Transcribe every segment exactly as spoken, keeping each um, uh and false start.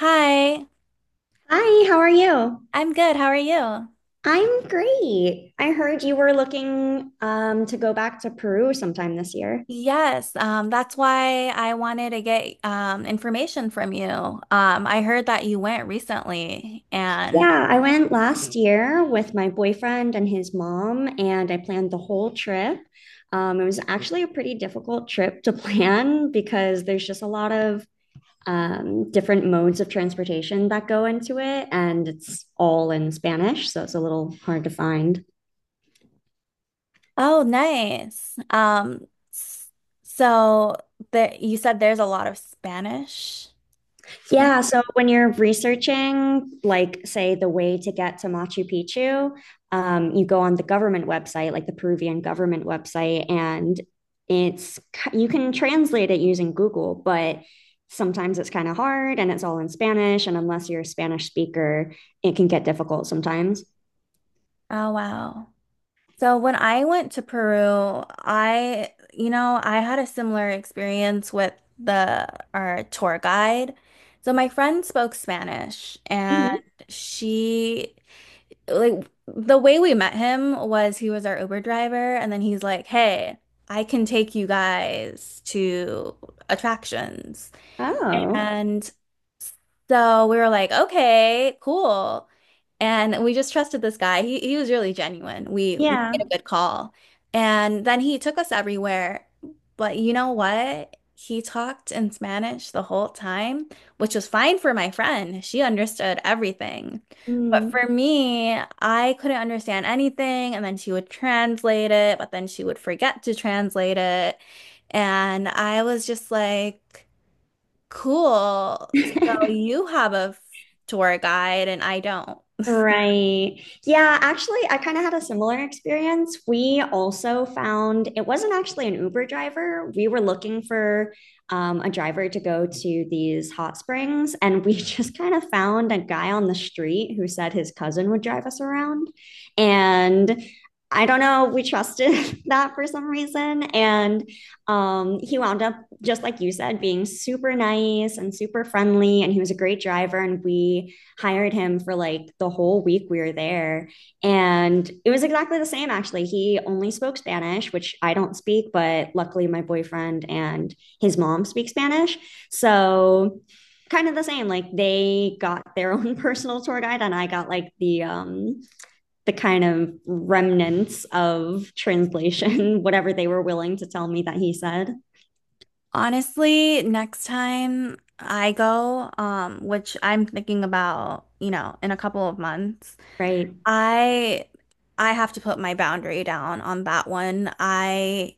Hi, Hi, how are you? I'm good. How are you? I'm great. I heard you were looking um, to go back to Peru sometime this year. Yes, um, that's why I wanted to get um, information from you. Um, I heard that you went recently, and Yeah, I went last year with my boyfriend and his mom, and I planned the whole trip. Um, it was actually a pretty difficult trip to plan because there's just a lot of um, different modes of transportation that go into it, and it's all in Spanish, so it's a little hard to find. oh, nice. Um, s- so that you said there's a lot of Spanish. Yeah, so when you're researching, like, say, the way to get to Machu Picchu, um, you go on the government website, like the Peruvian government website, and it's you can translate it using Google, but sometimes it's kind of hard and it's all in Spanish, and unless you're a Spanish speaker, it can get difficult sometimes. Oh, wow. So when I went to Peru, I, you know, I had a similar experience with the our tour guide. So my friend spoke Spanish, and Mhm. she, like, the way we met him was he was our Uber driver. And then he's like, "Hey, I can take you guys to attractions." Oh, And so we were like, okay, cool. And we just trusted this guy. He he was really genuine. We, we yeah. made a good call. And then he took us everywhere. But you know what? He talked in Spanish the whole time, which was fine for my friend. She understood everything. But Mm. for me, I couldn't understand anything, and then she would translate it, but then she would forget to translate it. And I was just like, cool. So you have a f- tour guide and I don't. Right. Yeah, actually, I kind of had a similar experience. We also found it wasn't actually an Uber driver. We were looking for um, a driver to go to these hot springs, and we just kind of found a guy on the street who said his cousin would drive us around. And I don't know, we trusted that for some reason. And um, he wound up, just like you said, being super nice and super friendly, and he was a great driver, and we hired him for like the whole week we were there. And it was exactly the same, actually. He only spoke Spanish, which I don't speak, but luckily my boyfriend and his mom speak Spanish. So, kind of the same, like they got their own personal tour guide, and I got like the um the kind of remnants of translation, whatever they were willing to tell me that he said. Honestly, next time I go, um, which I'm thinking about, you know, in a couple of months, Right. I I have to put my boundary down on that one. I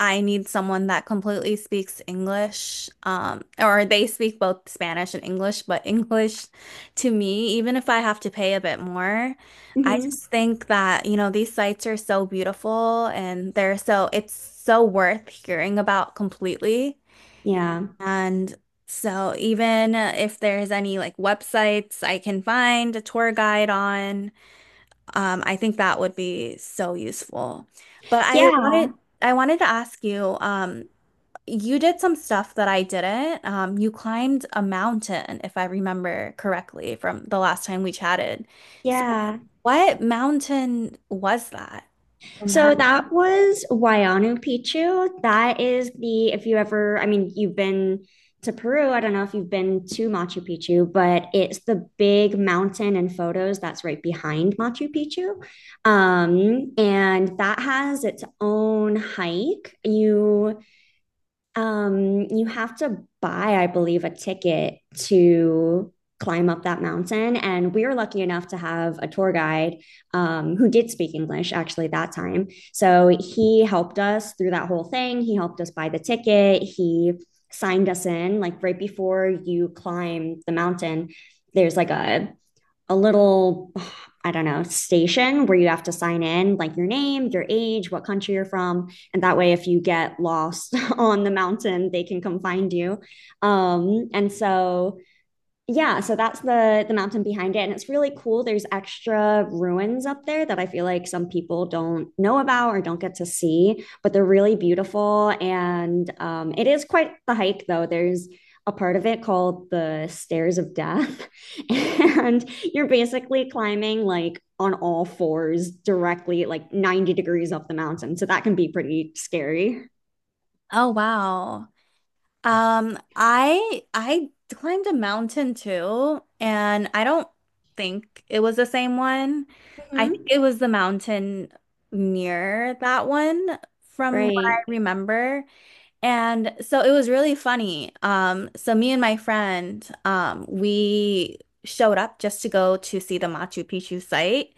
I need someone that completely speaks English, um, or they speak both Spanish and English, but English to me, even if I have to pay a bit more, I Mm-hmm. just think that, you know, these sites are so beautiful and they're so it's so worth hearing about completely. Yeah, And so even if there's any like websites I can find a tour guide on, um, I think that would be so useful. But I yeah, wanted I wanted to ask you, um, you did some stuff that I didn't. Um, you climbed a mountain, if I remember correctly, from the last time we chatted. So yeah. what mountain was that? And how- So that was Wayanu Pichu. That is the, if you ever, I mean, you've been to Peru. I don't know if you've been to Machu Picchu, but it's the big mountain and photos that's right behind Machu Picchu. Um, and that has its own hike. You um, you have to buy, I believe, a ticket to climb up that mountain. And we were lucky enough to have a tour guide um, who did speak English actually that time. So he helped us through that whole thing. He helped us buy the ticket. He signed us in, like right before you climb the mountain. There's like a a little, I don't know, station where you have to sign in like your name, your age, what country you're from. And that way, if you get lost on the mountain, they can come find you. Um, and so Yeah, so that's the the mountain behind it, and it's really cool. There's extra ruins up there that I feel like some people don't know about or don't get to see, but they're really beautiful. And um it is quite the hike though. There's a part of it called the Stairs of Death, and you're basically climbing like on all fours, directly like ninety degrees up the mountain. So that can be pretty scary. oh, wow. Um, I I climbed a mountain too, and I don't think it was the same one. I Hmm. think it was the mountain near that one from what Right. I remember. And so it was really funny. Um, so me and my friend, um, we showed up just to go to see the Machu Picchu site.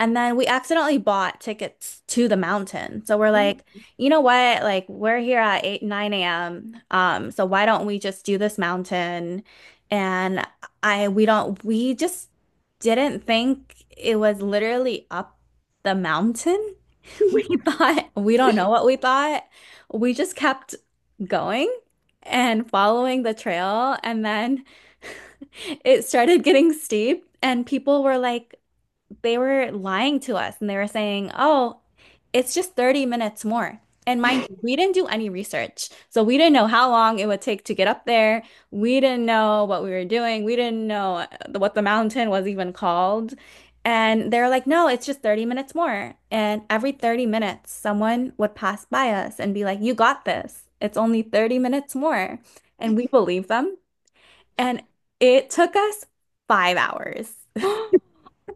And then we accidentally bought tickets to the mountain. So we're like, you know what? Like, we're here at eight, nine a m. Um, so why don't we just do this mountain? And I we don't we just didn't think it was literally up the mountain. We thought, we don't know what we thought. We just kept going and following the trail. And then it started getting steep, and people were like, they were lying to us and they were saying, oh, it's just thirty minutes more. And mind you, we didn't do any research. So we didn't know how long it would take to get up there. We didn't know what we were doing. We didn't know the- what the mountain was even called. And they're like, no, it's just thirty minutes more. And every thirty minutes, someone would pass by us and be like, you got this. It's only thirty minutes more. And we believed them. And it took us five hours.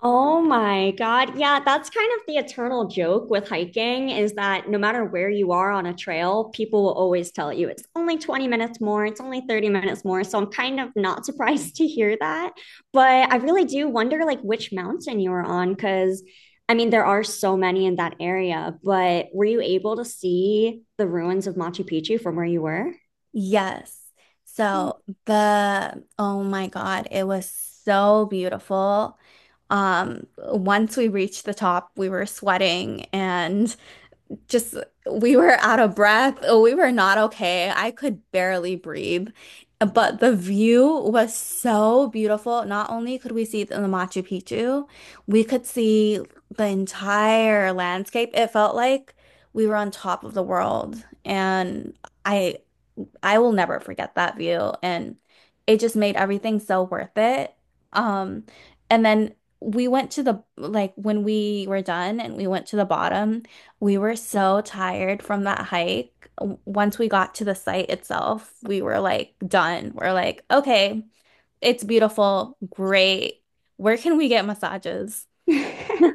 Oh my God. Yeah, that's kind of the eternal joke with hiking, is that no matter where you are on a trail, people will always tell you it's only twenty minutes more, it's only thirty minutes more. So I'm kind of not surprised to hear that. But I really do wonder like which mountain you were on, because I mean there are so many in that area, but were you able to see the ruins of Machu Picchu from where you were? Yes. Mm. So the, oh my God, it was so beautiful. Um, once we reached the top, we were sweating and just we were out of breath. Oh, we were not okay. I could barely breathe. But the view was so beautiful. Not only could we see the Machu Picchu, we could see the entire landscape. It felt like we were on top of the world. And I I will never forget that view. And it just made everything so worth it. Um, and then we went to the, like, when we were done and we went to the bottom, we were so tired from that hike. W- Once we got to the site itself, we were like done. We're like, okay, it's beautiful. Great. Where can we get massages?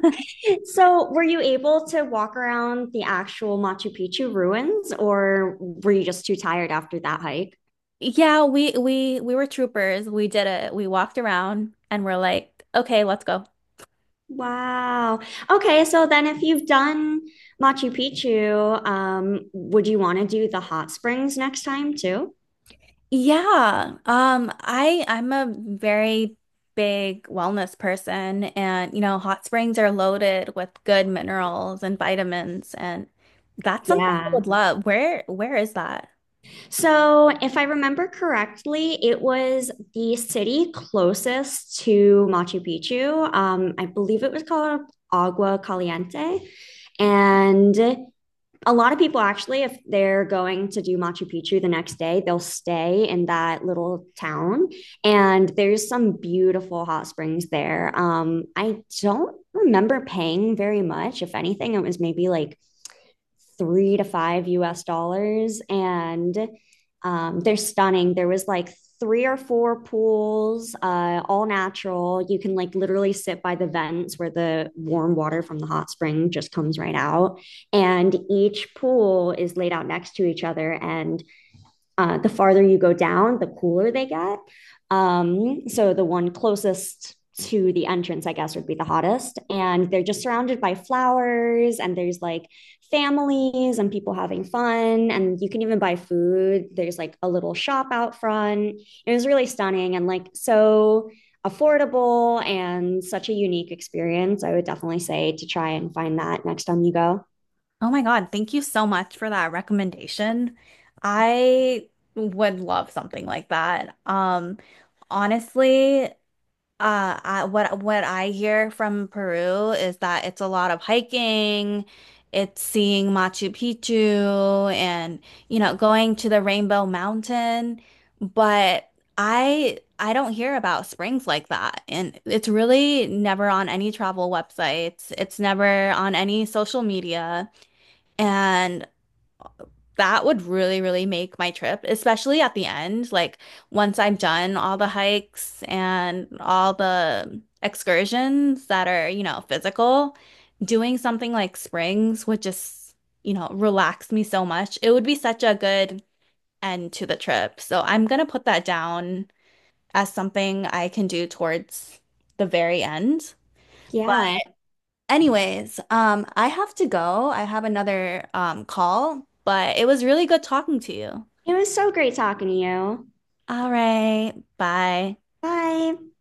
So, were you able to walk around the actual Machu Picchu ruins, or were you just too tired after that hike? Yeah, we we we were troopers. We did it. We walked around and we're like, okay, let's go. Wow. Okay, so then if you've done Machu Picchu, um, would you want to do the hot springs next time too? Yeah, um, I I'm a very big wellness person, and you know, hot springs are loaded with good minerals and vitamins, and that's something I Yeah. would love. Where where is that? So, if I remember correctly, it was the city closest to Machu Picchu. Um, I believe it was called Agua Caliente. And a lot of people actually, if they're going to do Machu Picchu the next day, they'll stay in that little town. And there's some beautiful hot springs there. Um, I don't remember paying very much. If anything, it was maybe like three to five U S dollars. And um, they're stunning. There was like three or four pools, uh, all natural. You can like literally sit by the vents where the warm water from the hot spring just comes right out. And each pool is laid out next to each other. And uh, the farther you go down, the cooler they get. Um, so the one closest to the entrance, I guess, would be the hottest. And they're just surrounded by flowers, and there's like families and people having fun. And you can even buy food. There's like a little shop out front. It was really stunning and like so affordable and such a unique experience. I would definitely say to try and find that next time you go. Oh my God, thank you so much for that recommendation. I would love something like that. Um, honestly. Uh, I, what what I hear from Peru is that it's a lot of hiking, it's seeing Machu Picchu and, you know, going to the Rainbow Mountain, but I I don't hear about springs like that. And it's really never on any travel websites. It's never on any social media. And that would really, really make my trip, especially at the end. Like, once I'm done all the hikes and all the excursions that are, you know, physical, doing something like Springs would just, you know, relax me so much. It would be such a good end to the trip. So I'm gonna put that down as something I can do towards the very end. But Yeah. anyways, um, I have to go. I have another um call, but it was really good talking to you. It was so great talking to you. All right. Bye. Bye.